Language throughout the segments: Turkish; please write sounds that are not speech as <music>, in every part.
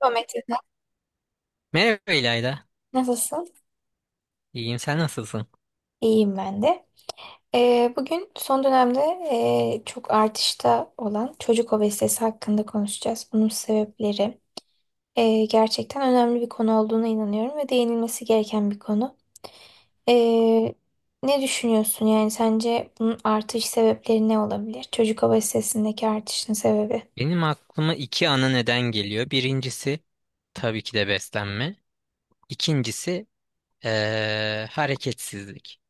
Merhaba Metin. Merhaba İlayda. Nasılsın? İyiyim, sen nasılsın? İyiyim ben de. Bugün son dönemde çok artışta olan çocuk obezitesi hakkında konuşacağız. Bunun sebepleri gerçekten önemli bir konu olduğuna inanıyorum ve değinilmesi gereken bir konu. Ee, ne düşünüyorsun? Yani sence bunun artış sebepleri ne olabilir? Çocuk obezitesindeki artışın sebebi. Benim aklıma iki ana neden geliyor. Birincisi tabii ki de beslenme. İkincisi hareketsizlik.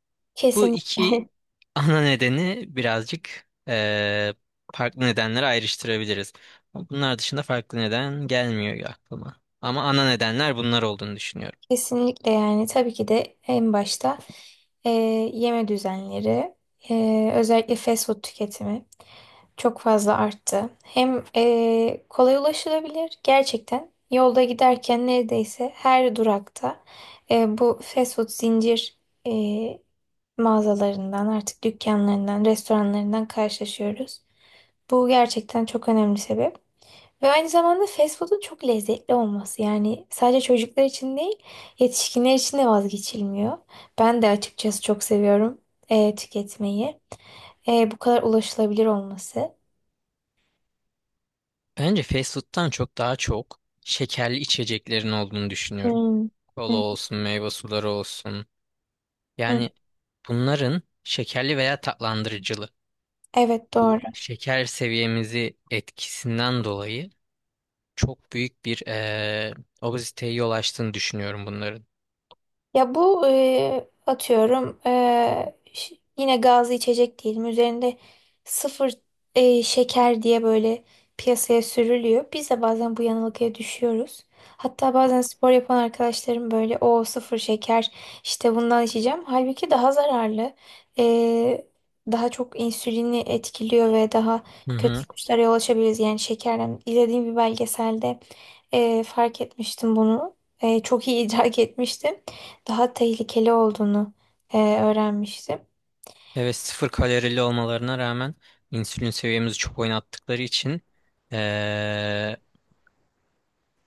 Bu iki Kesinlikle. <laughs> ana nedeni birazcık farklı nedenlere ayrıştırabiliriz. Bunlar dışında farklı neden gelmiyor aklıma. Ama ana nedenler bunlar olduğunu düşünüyorum. Kesinlikle, yani tabii ki de en başta e, yeme düzenleri, özellikle fast food tüketimi çok fazla arttı. Hem kolay ulaşılabilir, gerçekten yolda giderken neredeyse her durakta bu fast food zincir e, mağazalarından, artık dükkanlarından, restoranlarından karşılaşıyoruz. Bu gerçekten çok önemli sebep. Ve aynı zamanda fast food'un çok lezzetli olması. Yani sadece çocuklar için değil, yetişkinler için de vazgeçilmiyor. Ben de açıkçası çok seviyorum tüketmeyi. Bu kadar ulaşılabilir olması. Bence fast food'tan çok daha çok şekerli içeceklerin olduğunu düşünüyorum. Hmm. Kola Hı, olsun, meyve suları olsun. hı. Yani bunların şekerli veya tatlandırıcılı. Evet, Bu doğru. şeker seviyemizi etkisinden dolayı çok büyük bir obeziteye yol açtığını düşünüyorum bunların. Ya bu atıyorum, yine gazlı içecek diyelim, üzerinde sıfır şeker diye böyle piyasaya sürülüyor. Biz de bazen bu yanılgıya düşüyoruz. Hatta bazen spor yapan arkadaşlarım böyle, o sıfır şeker işte bundan içeceğim. Halbuki daha zararlı. E, daha çok insülini etkiliyor ve daha Hı kötü hı. sonuçlara yol açabiliriz. Yani şekerden izlediğim bir belgeselde fark etmiştim bunu. Çok iyi idrak etmiştim daha tehlikeli olduğunu, öğrenmiştim. Evet, sıfır kalorili olmalarına rağmen insülin seviyemizi çok oynattıkları için eee,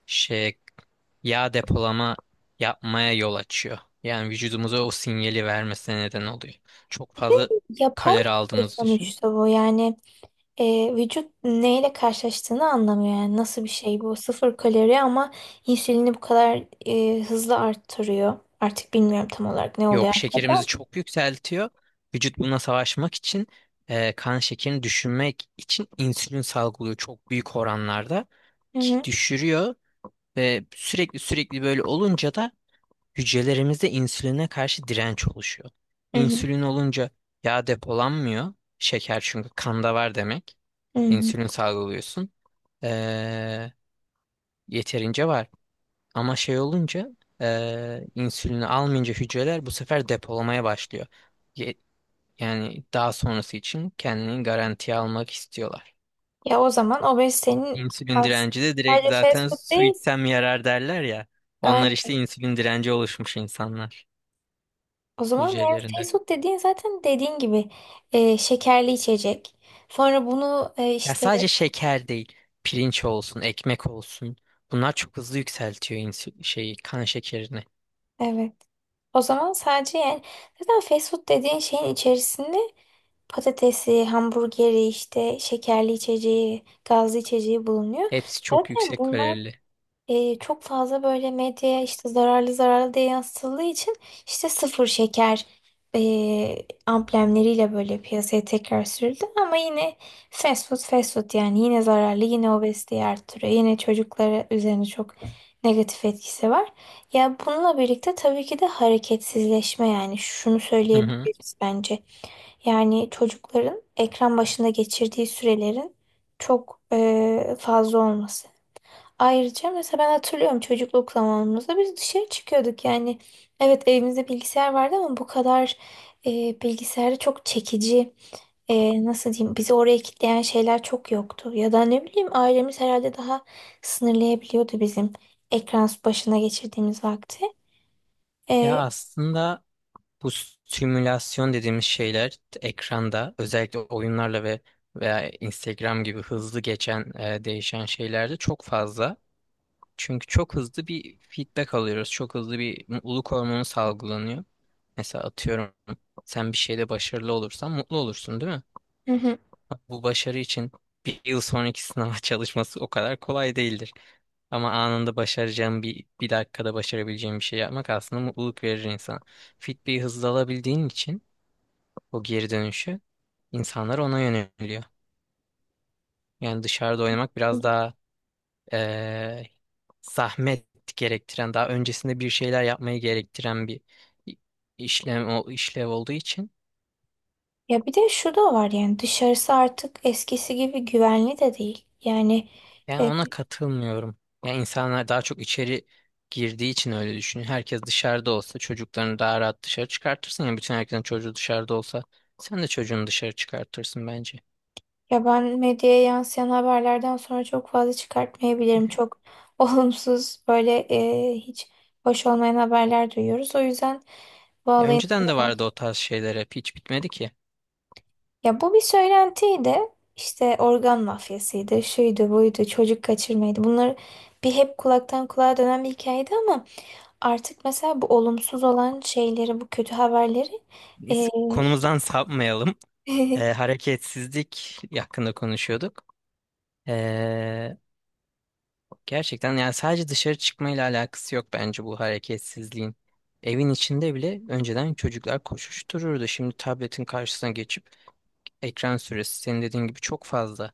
şey yağ depolama yapmaya yol açıyor. Yani vücudumuza o sinyali vermesine neden oluyor. Çok fazla Yapay kalori bir şey aldığımız düşün. sonuçta bu yani, vücut neyle karşılaştığını anlamıyor, yani nasıl bir şey bu sıfır kalori ama insülini bu kadar hızlı arttırıyor. Artık bilmiyorum tam olarak ne oluyor Yok, şekerimizi arkada. çok yükseltiyor. Vücut buna savaşmak için kan şekerini düşürmek için insülin salgılıyor çok büyük oranlarda Hı ki hı, düşürüyor ve sürekli böyle olunca da hücrelerimizde insüline karşı direnç oluşuyor. hı hı, İnsülin olunca yağ depolanmıyor. Şeker çünkü kanda var demek. hı hı. İnsülin salgılıyorsun. Ee, Yeterince var. Ama şey olunca insülini almayınca hücreler bu sefer depolamaya başlıyor. Ye- yani daha sonrası için kendini garantiye almak istiyorlar. Ya o zaman obezitenin İnsülin aslında direnci de direkt sadece fast zaten food su değil. içsem yarar derler ya. Onlar Ay, işte insülin direnci oluşmuş insanlar o zaman yani hücrelerinde. fast food dediğin, zaten dediğin gibi, şekerli içecek. Sonra bunu, Ya işte. sadece şeker değil, pirinç olsun, ekmek olsun. Bunlar çok hızlı yükseltiyor insü şeyi, kan şekerini. Evet. O zaman sadece yani, zaten fast food dediğin şeyin içerisinde patatesi, hamburgeri, işte şekerli içeceği, gazlı içeceği bulunuyor. Hepsi çok Zaten yüksek bunlar kalorili. Çok fazla böyle medyaya işte zararlı zararlı diye yansıtıldığı için, işte sıfır şeker amblemleriyle böyle piyasaya tekrar sürüldü, ama yine fast food fast food, yani yine zararlı, yine obeziteyi arttırıyor, yine çocuklara üzerine çok negatif etkisi var. Ya bununla birlikte tabii ki de hareketsizleşme, yani şunu Hı hı. söyleyebiliriz bence. Yani çocukların ekran başında geçirdiği sürelerin çok fazla olması. Ayrıca mesela ben hatırlıyorum, çocukluk zamanımızda biz dışarı çıkıyorduk yani. Evet, evimizde bilgisayar vardı ama bu kadar bilgisayarda çok çekici, nasıl diyeyim, bizi oraya kitleyen şeyler çok yoktu. Ya da ne bileyim, ailemiz herhalde daha sınırlayabiliyordu bizim ekran başına geçirdiğimiz vakti. Ya E, aslında Bu simülasyon dediğimiz şeyler ekranda özellikle oyunlarla veya Instagram gibi hızlı geçen değişen şeylerde çok fazla. Çünkü çok hızlı bir feedback alıyoruz. Çok hızlı bir mutluluk hormonu salgılanıyor. Mesela atıyorum sen bir şeyde başarılı olursan mutlu olursun, değil mi? hı hı. Bu başarı için bir yıl sonraki sınava <laughs> çalışması o kadar kolay değildir. Ama anında başaracağım bir dakikada başarabileceğim bir şey yapmak aslında mutluluk verir insana. Fitbit'i hızlı alabildiğin için o geri dönüşü insanlar ona yöneliyor. Yani dışarıda oynamak biraz daha eee, zahmet gerektiren, daha öncesinde bir şeyler yapmayı gerektiren bir i- işlem o işlev olduğu için Ya bir de şu da var, yani dışarısı artık eskisi gibi güvenli de değil. Yani yani e, ona katılmıyorum. Yani insanlar daha çok içeri girdiği için öyle düşünüyor. Herkes dışarıda olsa çocuklarını daha rahat dışarı çıkartırsın ya, bütün herkesin çocuğu dışarıda olsa sen de çocuğunu dışarı çıkartırsın bence. Ya ben medyaya yansıyan haberlerden sonra çok fazla çıkartmayabilirim. Çok <laughs> olumsuz böyle, hiç hoş olmayan haberler duyuyoruz. O yüzden bu Ya olayın önceden de beni- vardı o tarz şeyler, hep hiç bitmedi ki. Ya bu bir söylentiydi. İşte organ mafyasıydı, şuydu, buydu, çocuk kaçırmaydı. Bunlar bir hep kulaktan kulağa dönen bir hikayeydi, ama artık mesela bu olumsuz olan şeyleri, bu kötü haberleri Biz e, konumuzdan sapmayalım. <laughs> Hareketsizlik hakkında konuşuyorduk. E, Gerçekten yani sadece dışarı çıkmayla alakası yok bence bu hareketsizliğin. Evin içinde bile önceden çocuklar koşuştururdu. Şimdi tabletin karşısına geçip ekran süresi senin dediğin gibi çok fazla.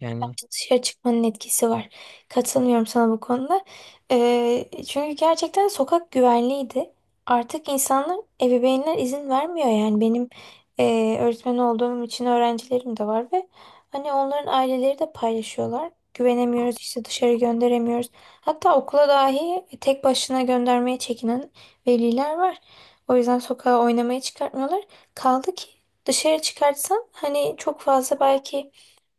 Yani Dışarı çıkmanın etkisi var. Katılmıyorum sana bu konuda. Çünkü gerçekten sokak güvenliydi. Artık insanlar, ebeveynler izin vermiyor yani. Benim öğretmen olduğum için öğrencilerim de var ve hani onların aileleri de paylaşıyorlar. Güvenemiyoruz işte, dışarı gönderemiyoruz. Hatta okula dahi tek başına göndermeye çekinen veliler var. O yüzden sokağa oynamaya çıkartmıyorlar. Kaldı ki dışarı çıkartsan, hani çok fazla belki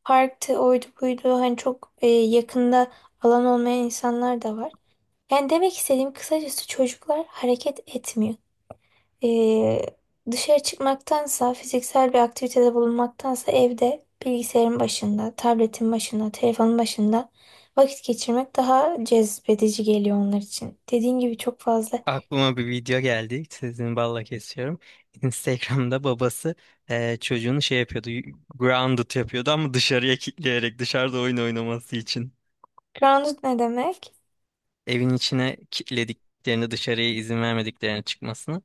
parktı, oydu buydu. Hani çok yakında alan olmayan insanlar da var. Yani demek istediğim kısacası, çocuklar hareket etmiyor. E, dışarı çıkmaktansa, fiziksel bir aktivitede bulunmaktansa, evde bilgisayarın başında, tabletin başında, telefonun başında vakit geçirmek daha cezbedici geliyor onlar için. Dediğin gibi çok fazla. aklıma bir video geldi. Sizin balla kesiyorum. <laughs> Instagram'da babası çocuğunu şey yapıyordu. Grounded yapıyordu ama dışarıya kilitleyerek dışarıda oyun oynaması için. Grounded ne demek? Evin içine kilitlediklerini, dışarıya izin vermediklerini çıkmasını.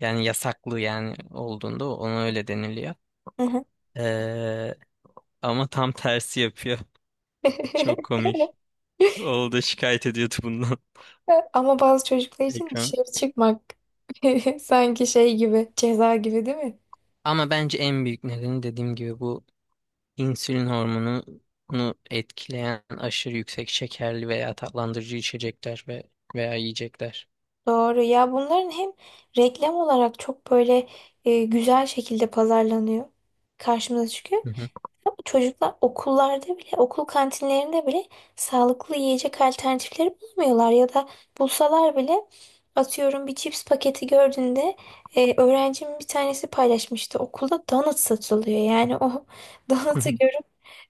Yani yasaklı yani olduğunda ona öyle deniliyor. Hı hı. Ee, Ama tam tersi yapıyor. <laughs> Çok komik. <laughs> Oğlu da şikayet ediyordu bundan. Ama bazı çocuklar <laughs> için Ekran. dışarı çıkmak <laughs> sanki şey gibi, ceza gibi, değil mi? Ama bence en büyük nedeni dediğim gibi bu insülin hormonunu etkileyen aşırı yüksek şekerli veya tatlandırıcı içecekler veya yiyecekler. Doğru. Ya bunların hem reklam olarak çok böyle güzel şekilde pazarlanıyor. Karşımıza çıkıyor. Hı hı. Ama çocuklar okullarda bile, okul kantinlerinde bile sağlıklı yiyecek alternatifleri bulamıyorlar. Ya da bulsalar bile, atıyorum bir cips paketi gördüğünde, öğrencimin bir tanesi paylaşmıştı. Okulda donut satılıyor. Yani o <laughs> donut'u, <laughs>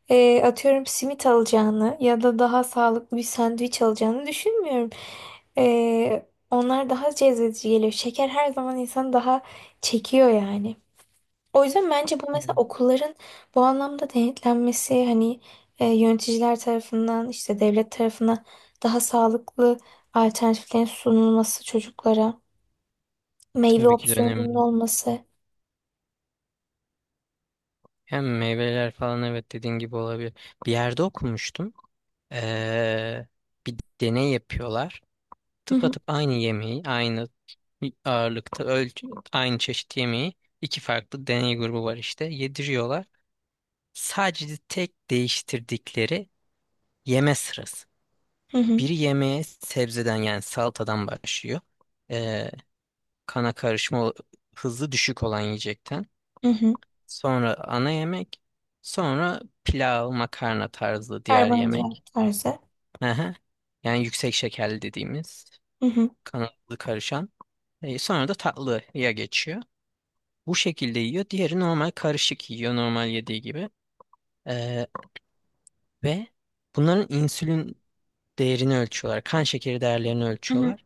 atıyorum simit alacağını ya da daha sağlıklı bir sandviç alacağını düşünmüyorum. Onlar daha cezbedici geliyor. Şeker her zaman insanı daha çekiyor yani. O yüzden bence bu mesela Yani, okulların bu anlamda denetlenmesi, hani yöneticiler tarafından, işte devlet tarafından daha sağlıklı alternatiflerin sunulması, çocuklara meyve tabii ki de opsiyonunun önemli. olması. Hem meyveler falan, evet, dediğin gibi olabilir. Bir yerde okumuştum. Ee, Bir deney yapıyorlar. Hı hı, Tıpatıp aynı yemeği, aynı ağırlıkta ölçü, aynı çeşit yemeği iki farklı deney grubu var işte yediriyorlar. Sadece tek değiştirdikleri yeme sırası. hı hı. Biri yemeğe sebzeden yani salatadan başlıyor. Ee, Kana karışma hızı düşük olan yiyecekten. Hı hı. Sonra ana yemek. Sonra pilav, makarna tarzı diğer yemek. Karbonhidrat tarzı. Aha. Yani yüksek şekerli dediğimiz. Hı hı, Kanalı karışan. Sonra da tatlıya geçiyor. Bu şekilde yiyor. Diğeri normal karışık yiyor, normal yediği gibi. E, Ve bunların insülin değerini ölçüyorlar. Kan şekeri değerlerini hı hı. ölçüyorlar.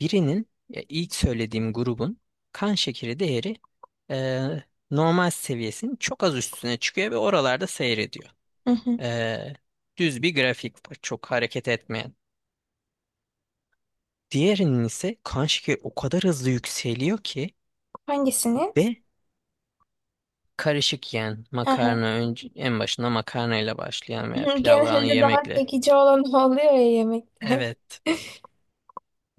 Birinin, ilk söylediğim grubun kan şekeri değeri e, normal seviyesinin çok az üstüne çıkıyor ve oralarda seyrediyor. Hı hı. E, Düz bir grafik var, çok hareket etmeyen. Diğerinin ise kan şekeri o kadar hızlı yükseliyor ki Hangisini? ve karışık yiyen, Hı hı. makarna önce, en başında makarnayla başlayan <laughs> veya pilavla Genelde daha yemekle. çekici olan <laughs> o oluyor ya yemekte. <laughs> Evet.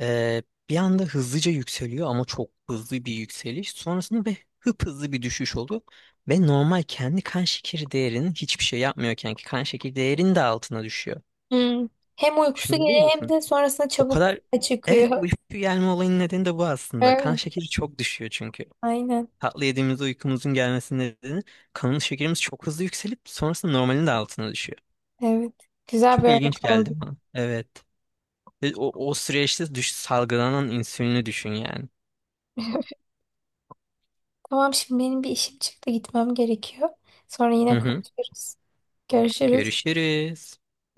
Ee, Bir anda hızlıca yükseliyor ama çok hızlı bir yükseliş. Sonrasında ve hızlı bir düşüş oluyor. Ve normal kendi kan şekeri değerinin hiçbir şey yapmıyorken ki kan şekeri değerinin de altına düşüyor. Hmm. Hem uykusu Şunu biliyor geliyor, hem musun? de sonrasında O çabuk kadar... <laughs> Evet, bu çıkıyor. uyku gelme olayının nedeni de bu aslında. Kan Evet, şekeri çok düşüyor çünkü. aynen. Tatlı yediğimizde uykumuzun gelmesinin nedeni kanın şekerimiz çok hızlı yükselip sonrasında normalin de altına düşüyor. Evet. Güzel bir Çok ilginç örnek geldi oldu. bana. Evet. Ve o, o süreçte düş, salgılanan insülini düşün yani. <laughs> Tamam, şimdi benim bir işim çıktı, gitmem gerekiyor. Sonra Hı yine hı. konuşuruz. Görüşürüz. Görüşürüz.